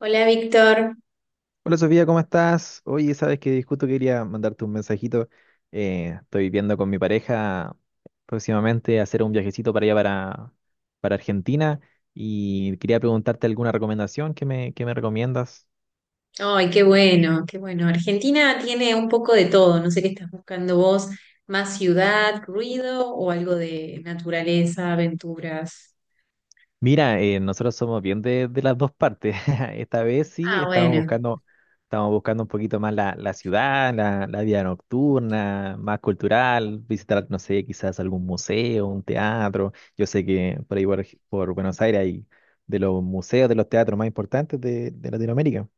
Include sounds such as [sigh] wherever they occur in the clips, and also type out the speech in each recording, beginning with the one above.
Hola Víctor. Hola Sofía, ¿cómo estás? Oye, sabes que justo quería mandarte un mensajito. Estoy viendo con mi pareja próximamente hacer un viajecito para allá para Argentina y quería preguntarte alguna recomendación que me recomiendas. Ay, qué bueno, qué bueno. Argentina tiene un poco de todo. No sé qué estás buscando vos. ¿Más ciudad, ruido o algo de naturaleza, aventuras? Mira, nosotros somos bien de las dos partes. [laughs] Esta vez sí, Ah, estamos bueno. buscando, estamos buscando un poquito más la ciudad, la vida nocturna, más cultural, visitar, no sé, quizás algún museo, un teatro. Yo sé que por ahí por Buenos Aires hay de los museos, de los teatros más importantes de Latinoamérica.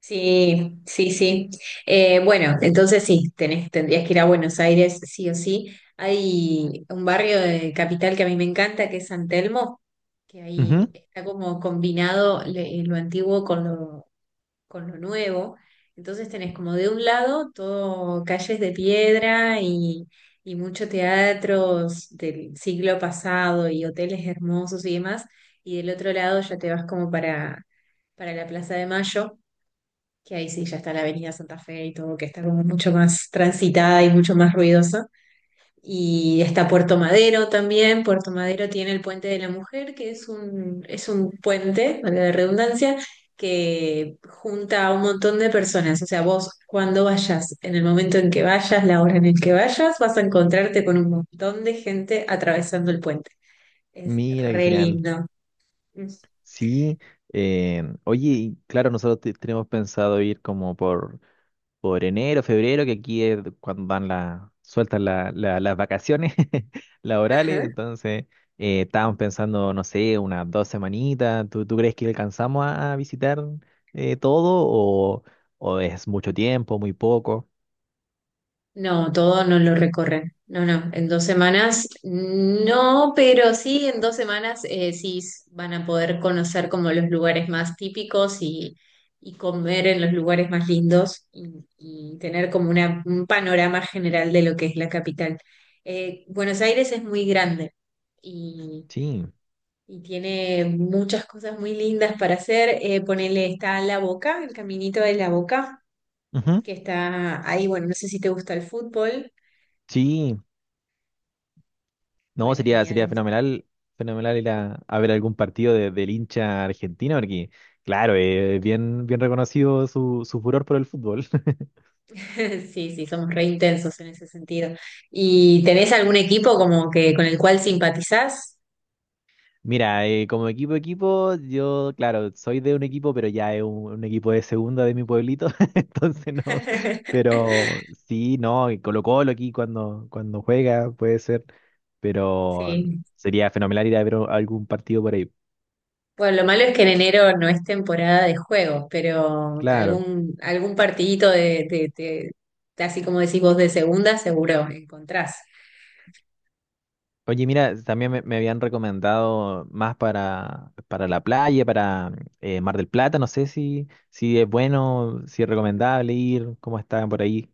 Sí, sí, sí. Bueno, entonces sí, tendrías que ir a Buenos Aires, sí o sí. Hay un barrio de capital que a mí me encanta, que es San Telmo, que ahí Ujú. está como combinado lo antiguo con lo nuevo. Entonces tenés como de un lado todo calles de piedra y mucho teatros del siglo pasado y hoteles hermosos y demás, y del otro lado ya te vas como para la Plaza de Mayo, que ahí sí ya está la Avenida Santa Fe y todo, que está como mucho más transitada y mucho más ruidosa. Y está Puerto Madero también. Puerto Madero tiene el Puente de la Mujer, que es es un puente, valga la redundancia, que junta a un montón de personas. O sea, vos cuando vayas, en el momento en que vayas, la hora en el que vayas, vas a encontrarte con un montón de gente atravesando el puente. Es Mira, qué re genial. lindo. Sí, oye, y claro, nosotros tenemos pensado ir como por enero, febrero, que aquí es cuando dan sueltan las vacaciones [laughs] Ajá. laborales. Entonces, estábamos pensando, no sé, unas dos semanitas. ¿Tú crees que alcanzamos a visitar, todo, o es mucho tiempo, muy poco? No, todo no lo recorren. No, no, en dos semanas no, pero sí, en dos semanas sí van a poder conocer como los lugares más típicos y comer en los lugares más lindos y tener como un panorama general de lo que es la capital. Buenos Aires es muy grande y, Sí, y tiene muchas cosas muy lindas para hacer. Ponele, está La Boca, el caminito de La Boca, ujú. que está ahí, bueno, no sé si te gusta el fútbol. Sí, no, Bueno, sería genial. fenomenal, fenomenal ir a ver algún partido del hincha argentino, porque claro, es bien, bien reconocido su furor por el fútbol. [laughs] [laughs] Sí, sí, somos re intensos en ese sentido. ¿Y tenés algún equipo como que con el cual simpatizás? Mira, como equipo equipo, yo, claro, soy de un equipo, pero ya es un equipo de segunda de mi pueblito, [laughs] entonces no, [laughs] pero sí. No, y Colo-Colo aquí cuando, juega puede ser, pero Sí. sería fenomenal ir a ver algún partido por ahí. Bueno, lo malo es que en enero no es temporada de juegos, pero Claro. algún, algún partidito de- así como decís vos, de segunda, seguro encontrás. Oye, mira, también me habían recomendado más para la playa, para Mar del Plata. No sé si es bueno, si es recomendable ir, cómo están por ahí.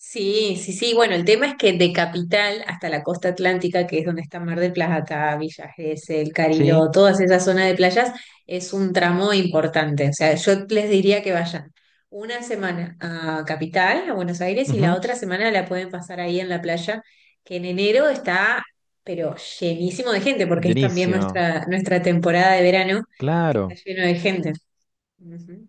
Sí, sí, sí. Bueno, el tema es que de Capital hasta la costa atlántica, que es donde está Mar del Plata, Villa Gesell, Sí, Cariló, todas esas zonas de playas, es un tramo importante. O sea, yo les diría que vayan una semana a Capital, a Buenos Aires, y la ujú. otra semana la pueden pasar ahí en la playa, que en enero está, pero llenísimo de gente, porque es también Buenísimo. Nuestra temporada de verano, que está Claro, lleno de gente. Ujú.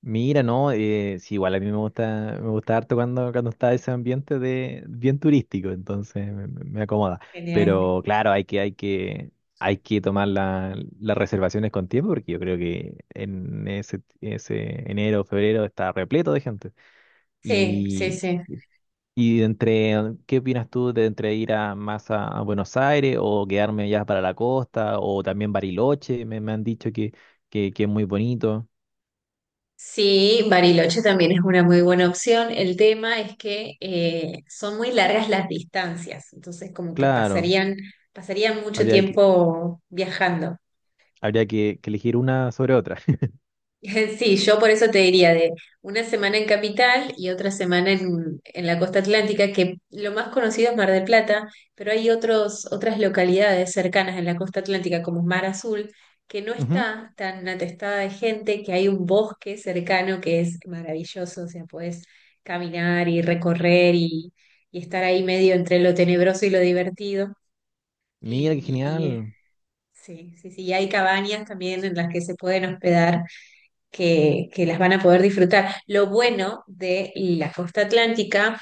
mira, no, sí, igual a mí me gusta, harto cuando está ese ambiente de bien turístico, entonces me acomoda. Genial. Pero claro, hay que tomar las reservaciones con tiempo, porque yo creo que en ese, ese enero o febrero está repleto de gente. Sí, sí, Y, sí. y ¿qué opinas tú de entre ir a más a Buenos Aires o quedarme ya para la costa o también Bariloche? Me han dicho que, es muy bonito. Sí, Bariloche también es una muy buena opción. El tema es que son muy largas las distancias, entonces como que Claro. Pasarían mucho Habría que, tiempo viajando. Habría que elegir una sobre otra. [laughs] [laughs] Sí, yo por eso te diría de una semana en Capital y otra semana en la costa atlántica, que lo más conocido es Mar del Plata, pero hay otras localidades cercanas en la costa atlántica, como Mar Azul, que no Ujú. está tan atestada de gente, que hay un bosque cercano que es maravilloso, o sea, podés caminar y recorrer y estar ahí medio entre lo tenebroso y lo divertido. Mira, qué Y, y eh, genial. sí, sí, sí, y hay cabañas también en las que se pueden hospedar que las van a poder disfrutar. Lo bueno de la costa atlántica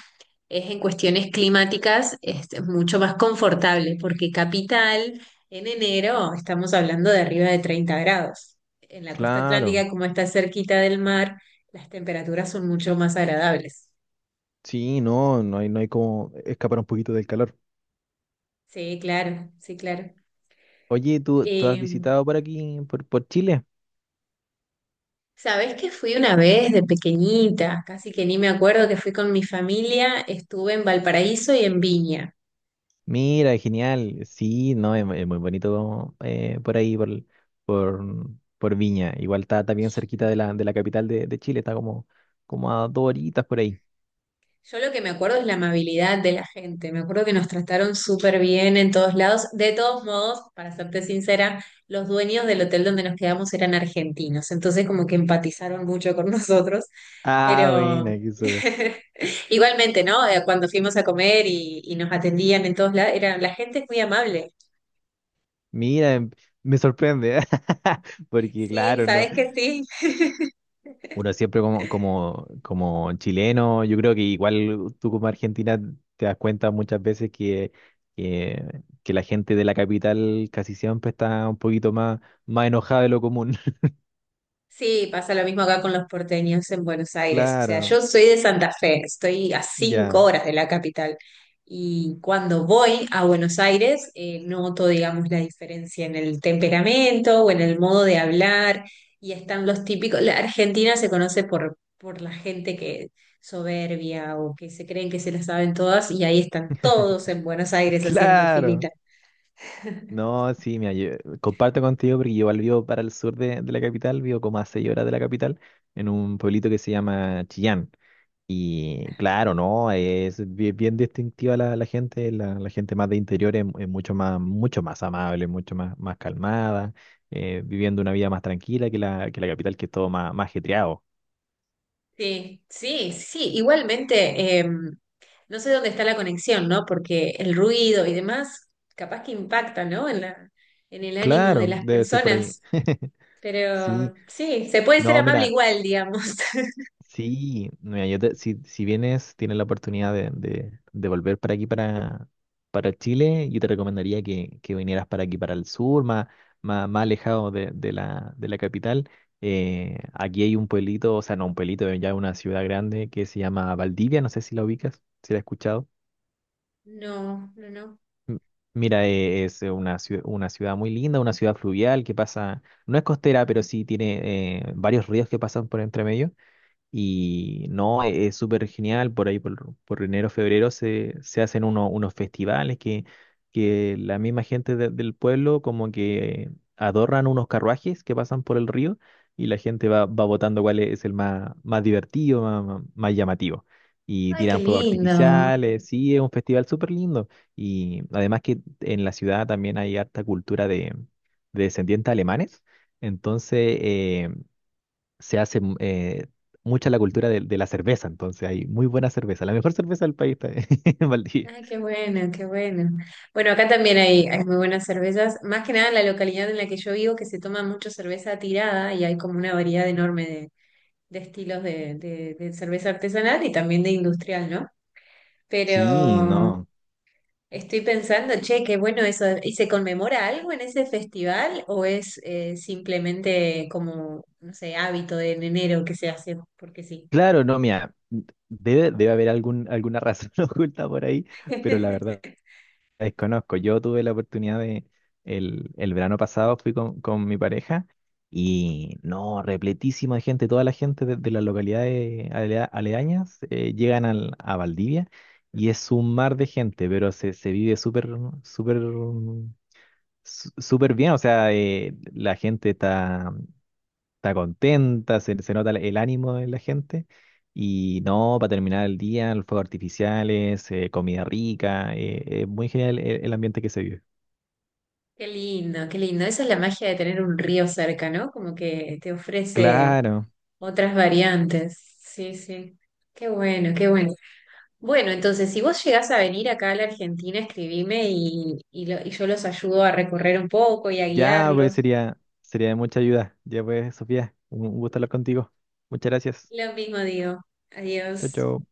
es en cuestiones climáticas es mucho más confortable, porque Capital en enero estamos hablando de arriba de 30 grados. En la costa Claro. atlántica, como está cerquita del mar, las temperaturas son mucho más agradables. Sí, no, no hay como escapar un poquito del calor. Sí, claro, sí, claro. Oye, ¿tú has Eh, visitado por aquí, por Chile? ¿Sabés que fui una vez de pequeñita? Casi que ni me acuerdo que fui con mi familia, estuve en Valparaíso y en Viña. Mira, genial. Sí, no, es muy bonito, por ahí, por, por Viña. Igual está bien cerquita de la capital de Chile, está como a 2 horitas por ahí. Yo lo que me acuerdo es la amabilidad de la gente. Me acuerdo que nos trataron súper bien en todos lados. De todos modos, para serte sincera, los dueños del hotel donde nos quedamos eran argentinos. Entonces como que empatizaron mucho con nosotros. Ah, buena, Pero qué súper. [laughs] igualmente, ¿no? Cuando fuimos a comer y nos atendían en todos lados, era, la gente es muy amable. Mira, me sorprende, [laughs] porque Sí, claro, no. ¿sabes que sí? Uno siempre como chileno, yo creo que igual tú como argentina te das cuenta muchas veces que, la gente de la capital casi siempre está un poquito más enojada de lo común. [laughs] Sí, pasa lo mismo acá con los porteños en Buenos Aires. O sea, Claro, yo soy de Santa Fe, estoy a cinco ya. horas de la capital. Y cuando voy a Buenos Aires, noto, digamos, la diferencia en el temperamento o en el modo de hablar. Y están los típicos. La Argentina se conoce por la gente que soberbia o que se creen que se la saben todas, y ahí están todos en Buenos [laughs] Aires haciendo Claro. filita. No, sí, mira, yo comparto contigo porque yo igual vivo para el sur de la capital, vivo como a 6 horas de la capital, en un pueblito que se llama Chillán. Y claro, ¿no? Es bien distintiva la, la, gente, la gente más de interior es mucho más amable, mucho más calmada, viviendo una vida más tranquila que la capital, que es todo más, más ajetreado. Sí, sí, sí. Igualmente, no sé dónde está la conexión, ¿no? Porque el ruido y demás, capaz que impacta, ¿no? En el ánimo de Claro, las debe ser por ahí. personas. [laughs] Sí, Pero sí, se puede ser no, amable mira. igual, digamos. [laughs] Sí, mira, yo si, vienes, tienes la oportunidad de, de volver para aquí, para Chile, yo te recomendaría que, vinieras para aquí, para el sur, más alejado de, de la capital. Aquí hay un pueblito, o sea, no un pueblito, ya una ciudad grande que se llama Valdivia, no sé si la ubicas, si la has escuchado. No, no, no. M- Mira, es una ciudad muy linda, una ciudad fluvial que pasa, no es costera, pero sí tiene, varios ríos que pasan por entre medio. Y no, es súper genial. Por ahí por, enero, febrero se hacen unos festivales que la misma gente del pueblo como que adornan unos carruajes que pasan por el río, y la gente va, votando cuál es el más, más, divertido, más llamativo. Y Ay, qué tiran fuegos lindo. artificiales. Sí, es un festival súper lindo. Y además que en la ciudad también hay harta cultura de, descendientes alemanes. Entonces, se hace, mucha la cultura de la cerveza, entonces hay muy buena cerveza, la mejor cerveza del país está [laughs] en Valdivia. Ay, qué bueno, qué bueno. Bueno, acá también hay muy buenas cervezas. Más que nada en la localidad en la que yo vivo, que se toma mucho cerveza tirada y hay como una variedad enorme de estilos de de cerveza artesanal y también de industrial, ¿no? Sí, Pero no. estoy pensando, che, qué bueno eso. ¿Y se conmemora algo en ese festival o es simplemente como, no sé, hábito de en enero que se hace porque sí? Claro, no, mira, debe, haber alguna razón [laughs] oculta por ahí, pero la verdad [laughs] desconozco. Yo tuve la oportunidad. El verano pasado fui con, mi pareja, y no, repletísima de gente. Toda la gente de las localidades aledañas, llegan a Valdivia. Y es un mar de gente, pero se, vive súper Súper bien. O sea, la gente está, contenta, se nota el ánimo de la gente. Y no, para terminar el día, los fuegos artificiales, comida rica, es muy genial el ambiente que se vive. Qué lindo, qué lindo. Esa es la magia de tener un río cerca, ¿no? Como que te ofrece Claro, otras variantes. Sí, sí. Qué bueno, qué bueno. Bueno, entonces, si vos llegás a venir acá a la Argentina, escribime y yo los ayudo a recorrer un poco y a ya pues guiarlos. sería, de mucha ayuda. Ya pues, Sofía, un gusto hablar contigo. Muchas gracias. Lo mismo digo. Chao, Adiós. chao.